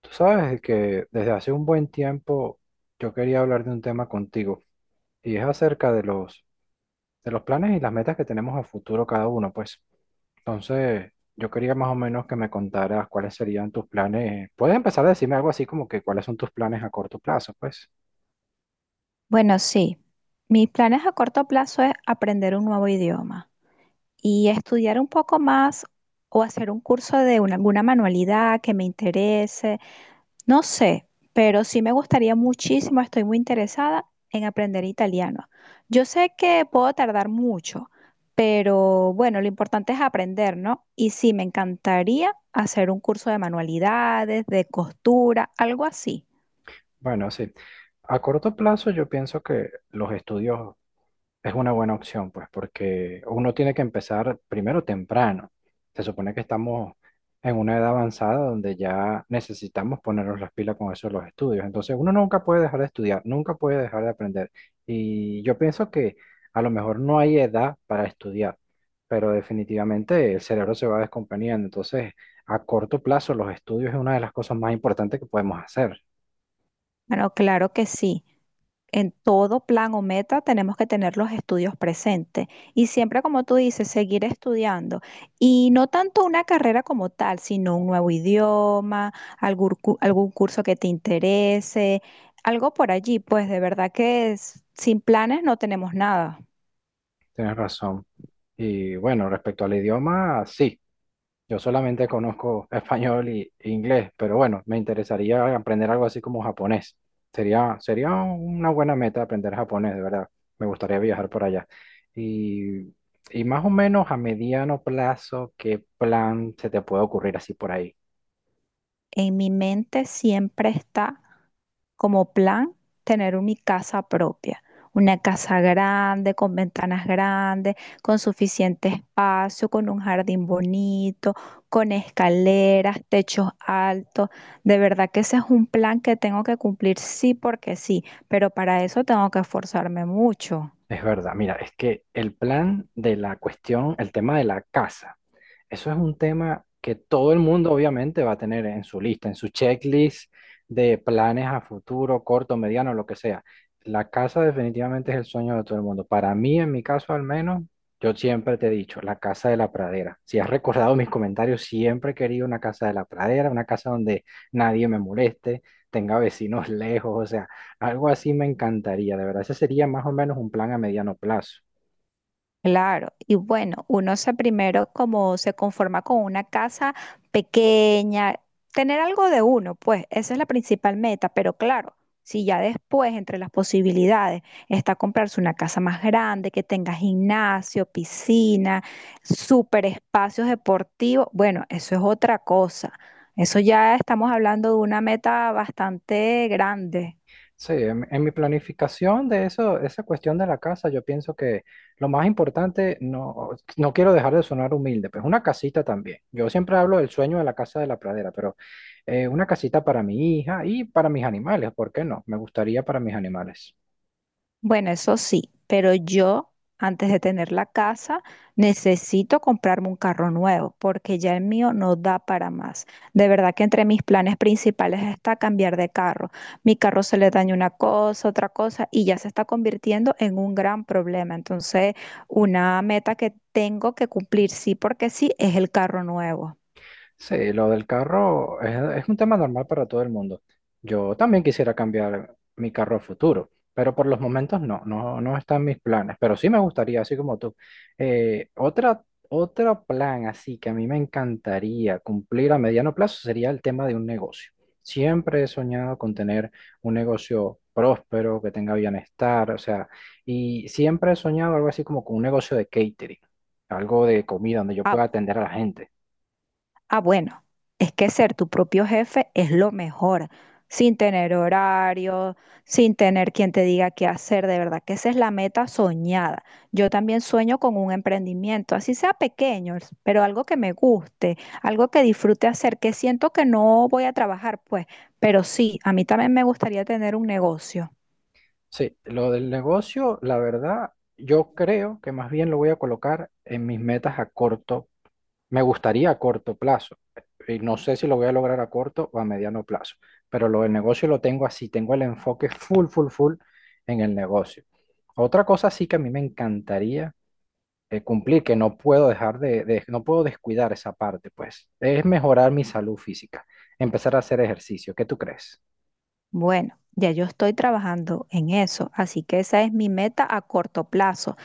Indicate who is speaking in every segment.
Speaker 1: Tú sabes que desde hace un buen tiempo yo quería hablar de un tema contigo y es acerca de de los planes y las metas que tenemos a futuro cada uno, pues. Entonces, yo quería más o menos que me contaras cuáles serían tus planes. Puedes empezar a decirme algo así como que cuáles son tus planes a corto plazo, pues.
Speaker 2: Bueno, sí. Mis planes a corto plazo es aprender un nuevo idioma y estudiar un poco más o hacer un curso de alguna manualidad que me interese. No sé, pero sí me gustaría muchísimo, estoy muy interesada en aprender italiano. Yo sé que puedo tardar mucho, pero bueno, lo importante es aprender, ¿no? Y sí, me encantaría hacer un curso de manualidades, de costura, algo así.
Speaker 1: Bueno, sí. A corto plazo yo pienso que los estudios es una buena opción, pues, porque uno tiene que empezar primero temprano. Se supone que estamos en una edad avanzada donde ya necesitamos ponernos las pilas con eso de los estudios. Entonces, uno nunca puede dejar de estudiar, nunca puede dejar de aprender. Y yo pienso que a lo mejor no hay edad para estudiar, pero definitivamente el cerebro se va descomponiendo. Entonces, a corto plazo, los estudios es una de las cosas más importantes que podemos hacer.
Speaker 2: Bueno, claro que sí. En todo plan o meta tenemos que tener los estudios presentes y siempre, como tú dices, seguir estudiando. Y no tanto una carrera como tal, sino un nuevo idioma, algún curso que te interese, algo por allí. Pues de verdad que sin planes no tenemos nada.
Speaker 1: Tienes razón. Y bueno, respecto al idioma, sí. Yo solamente conozco español e inglés, pero bueno, me interesaría aprender algo así como japonés. Sería una buena meta aprender japonés, de verdad. Me gustaría viajar por allá. Y, y más o menos a mediano plazo, ¿qué plan se te puede ocurrir así por ahí?
Speaker 2: En mi mente siempre está como plan tener mi casa propia, una casa grande, con ventanas grandes, con suficiente espacio, con un jardín bonito, con escaleras, techos altos. De verdad que ese es un plan que tengo que cumplir sí porque sí, pero para eso tengo que esforzarme mucho.
Speaker 1: Es verdad, mira, es que el plan de la cuestión, el tema de la casa. Eso es un tema que todo el mundo obviamente va a tener en su lista, en su checklist de planes a futuro, corto, mediano, lo que sea. La casa definitivamente es el sueño de todo el mundo. Para mí, en mi caso al menos, yo siempre te he dicho, la casa de la pradera. Si has recordado mis comentarios, siempre he querido una casa de la pradera, una casa donde nadie me moleste, tenga vecinos lejos, o sea, algo así me encantaría, de verdad. Ese sería más o menos un plan a mediano plazo.
Speaker 2: Claro, y bueno, uno se primero como se conforma con una casa pequeña, tener algo de uno, pues esa es la principal meta, pero claro, si ya después entre las posibilidades está comprarse una casa más grande, que tenga gimnasio, piscina, super espacios deportivos, bueno, eso es otra cosa. Eso ya estamos hablando de una meta bastante grande.
Speaker 1: Sí, en mi planificación de eso, esa cuestión de la casa, yo pienso que lo más importante, no, no quiero dejar de sonar humilde, pues una casita también. Yo siempre hablo del sueño de la casa de la pradera, pero una casita para mi hija y para mis animales, ¿por qué no? Me gustaría para mis animales.
Speaker 2: Bueno, eso sí, pero yo antes de tener la casa necesito comprarme un carro nuevo porque ya el mío no da para más. De verdad que entre mis planes principales está cambiar de carro. Mi carro se le daña una cosa, otra cosa y ya se está convirtiendo en un gran problema. Entonces, una meta que tengo que cumplir sí porque sí es el carro nuevo.
Speaker 1: Sí, lo del carro es un tema normal para todo el mundo. Yo también quisiera cambiar mi carro a futuro, pero por los momentos no, no, no están mis planes, pero sí me gustaría, así como tú. Eh, otra, otro plan así que a mí me encantaría cumplir a mediano plazo sería el tema de un negocio. Siempre he soñado con tener un negocio próspero, que tenga bienestar, o sea, y siempre he soñado algo así como con un negocio de catering, algo de comida donde yo
Speaker 2: Ah,
Speaker 1: pueda atender a la gente.
Speaker 2: Ah, bueno, es que ser tu propio jefe es lo mejor, sin tener horario, sin tener quien te diga qué hacer, de verdad que esa es la meta soñada. Yo también sueño con un emprendimiento, así sea pequeño, pero algo que me guste, algo que disfrute hacer, que siento que no voy a trabajar, pues, pero sí, a mí también me gustaría tener un negocio.
Speaker 1: Sí, lo del negocio, la verdad, yo creo que más bien lo voy a colocar en mis metas a corto, me gustaría a corto plazo, y no sé si lo voy a lograr a corto o a mediano plazo, pero lo del negocio lo tengo así, tengo el enfoque full, full, full en el negocio. Otra cosa sí que a mí me encantaría cumplir, que no puedo no puedo descuidar esa parte, pues, es mejorar mi salud física, empezar a hacer ejercicio. ¿Qué tú crees?
Speaker 2: Bueno, ya yo estoy trabajando en eso, así que esa es mi meta a corto plazo.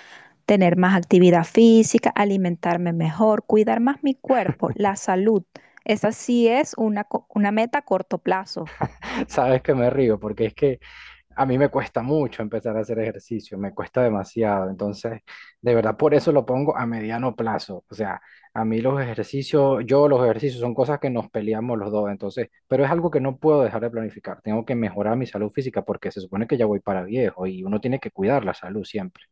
Speaker 2: Tener más actividad física, alimentarme mejor, cuidar más mi cuerpo, la salud. Esa sí es una meta a corto plazo.
Speaker 1: Sabes que me río porque es que a mí me cuesta mucho empezar a hacer ejercicio, me cuesta demasiado. Entonces, de verdad, por eso lo pongo a mediano plazo. O sea, a mí los ejercicios, yo los ejercicios son cosas que nos peleamos los dos. Entonces, pero es algo que no puedo dejar de planificar. Tengo que mejorar mi salud física porque se supone que ya voy para viejo y uno tiene que cuidar la salud siempre.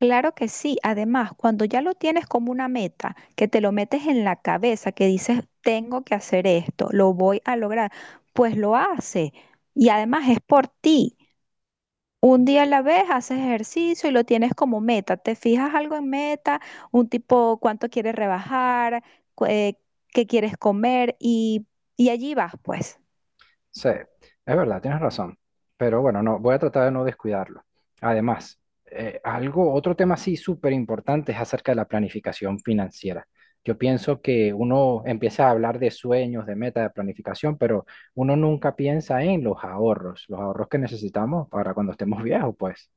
Speaker 2: Claro que sí. Además, cuando ya lo tienes como una meta, que te lo metes en la cabeza, que dices, tengo que hacer esto, lo voy a lograr, pues lo hace. Y además es por ti. Un día a la vez haces ejercicio y lo tienes como meta. Te fijas algo en meta, un tipo cuánto quieres rebajar, cu- eh, qué quieres comer y allí vas, pues.
Speaker 1: Sí, es verdad, tienes razón. Pero bueno, no, voy a tratar de no descuidarlo. Además, otro tema sí súper importante es acerca de la planificación financiera. Yo pienso que uno empieza a hablar de sueños, de metas, de planificación, pero uno nunca piensa en los ahorros que necesitamos para cuando estemos viejos, pues.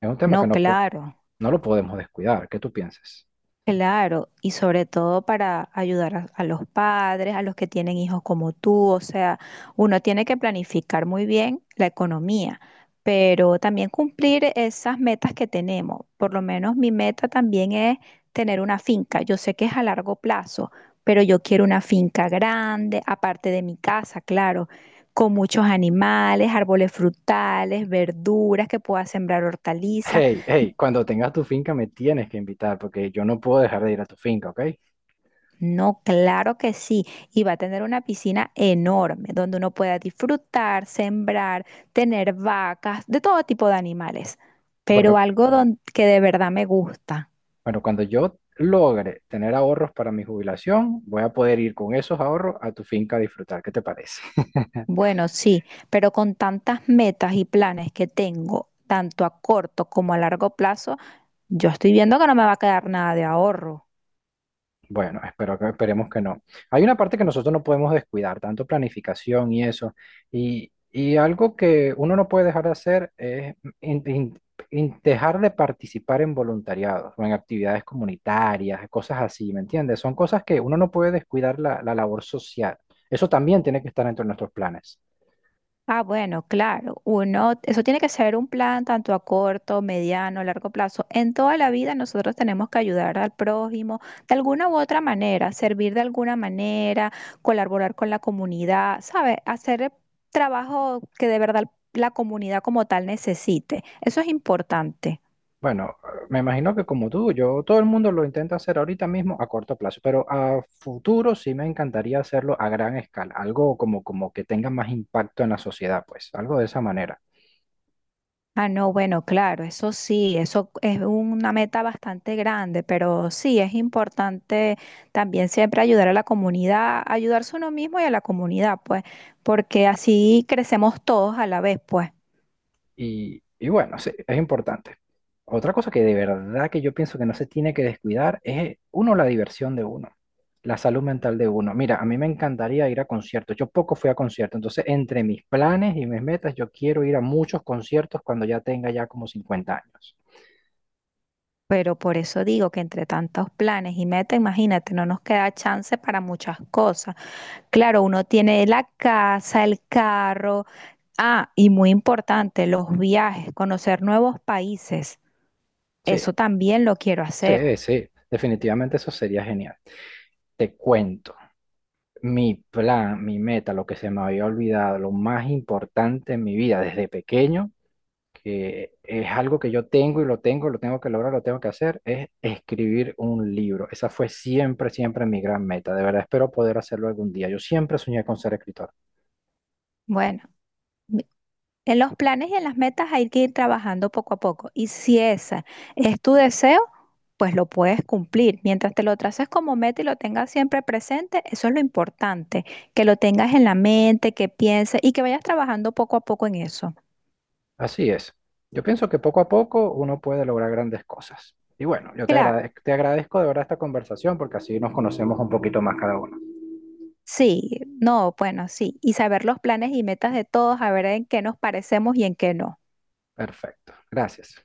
Speaker 1: Es un tema que
Speaker 2: No, claro.
Speaker 1: no lo podemos descuidar. ¿Qué tú piensas?
Speaker 2: Claro, y sobre todo para ayudar a los padres, a los que tienen hijos como tú, o sea, uno tiene que planificar muy bien la economía, pero también cumplir esas metas que tenemos. Por lo menos mi meta también es tener una finca. Yo sé que es a largo plazo, pero yo quiero una finca grande, aparte de mi casa, claro, con muchos animales, árboles frutales, verduras que pueda sembrar hortalizas.
Speaker 1: Hey, hey, cuando tengas tu finca me tienes que invitar porque yo no puedo dejar de ir a tu finca, ¿ok?
Speaker 2: No, claro que sí. Y va a tener una piscina enorme donde uno pueda disfrutar, sembrar, tener vacas, de todo tipo de animales. Pero
Speaker 1: Bueno,
Speaker 2: algo que de verdad me gusta.
Speaker 1: bueno, cuando yo logre tener ahorros para mi jubilación, voy a poder ir con esos ahorros a tu finca a disfrutar. ¿Qué te parece?
Speaker 2: Bueno, sí, pero con tantas metas y planes que tengo, tanto a corto como a largo plazo, yo estoy viendo que no me va a quedar nada de ahorro.
Speaker 1: Bueno, espero que, esperemos que no. Hay una parte que nosotros no podemos descuidar, tanto planificación y eso. Y algo que uno no puede dejar de hacer es in- in- dejar de participar en voluntariados o en actividades comunitarias, cosas así, ¿me entiendes? Son cosas que uno no puede descuidar la labor social. Eso también tiene que estar dentro de nuestros planes.
Speaker 2: Ah, bueno, claro. Uno, eso tiene que ser un plan tanto a corto, mediano, largo plazo. En toda la vida nosotros tenemos que ayudar al prójimo de alguna u otra manera, servir de alguna manera, colaborar con la comunidad, ¿sabes? Hacer el trabajo que de verdad la comunidad como tal necesite. Eso es importante.
Speaker 1: Bueno, me imagino que como tú, yo, todo el mundo lo intenta hacer ahorita mismo a corto plazo, pero a futuro sí me encantaría hacerlo a gran escala, algo como que tenga más impacto en la sociedad, pues, algo de esa manera.
Speaker 2: Ah, no, bueno, claro, eso sí, eso es una meta bastante grande, pero sí, es importante también siempre ayudar a la comunidad, ayudarse a uno mismo y a la comunidad, pues, porque así crecemos todos a la vez, pues.
Speaker 1: Y bueno, sí, es importante. Otra cosa que de verdad que yo pienso que no se tiene que descuidar es, uno, la diversión de uno, la salud mental de uno. Mira, a mí me encantaría ir a conciertos, yo poco fui a conciertos, entonces entre mis planes y mis metas, yo quiero ir a muchos conciertos cuando ya tenga ya como 50 años.
Speaker 2: Pero por eso digo que entre tantos planes y metas, imagínate, no nos queda chance para muchas cosas. Claro, uno tiene la casa, el carro, ah, y muy importante, los viajes, conocer nuevos países,
Speaker 1: Sí,
Speaker 2: eso también lo quiero hacer.
Speaker 1: sí, sí, definitivamente eso sería genial. Te cuento, mi plan, mi meta, lo que se me había olvidado, lo más importante en mi vida desde pequeño, que es algo que yo tengo y lo tengo que lograr, lo tengo que hacer, es escribir un libro. Esa fue siempre, siempre mi gran meta. De verdad, espero poder hacerlo algún día. Yo siempre soñé con ser escritor.
Speaker 2: Bueno. En los planes y en las metas hay que ir trabajando poco a poco. Y si esa es tu deseo, pues lo puedes cumplir. Mientras te lo traces como meta y lo tengas siempre presente, eso es lo importante, que lo tengas en la mente, que pienses y que vayas trabajando poco a poco en eso.
Speaker 1: Así es. Yo pienso que poco a poco uno puede lograr grandes cosas. Y bueno, yo
Speaker 2: Claro,
Speaker 1: te agradezco de verdad esta conversación porque así nos conocemos un poquito más cada uno.
Speaker 2: sí, no, bueno, sí. Y saber los planes y metas de todos, a ver en qué nos parecemos y en qué no.
Speaker 1: Perfecto, gracias.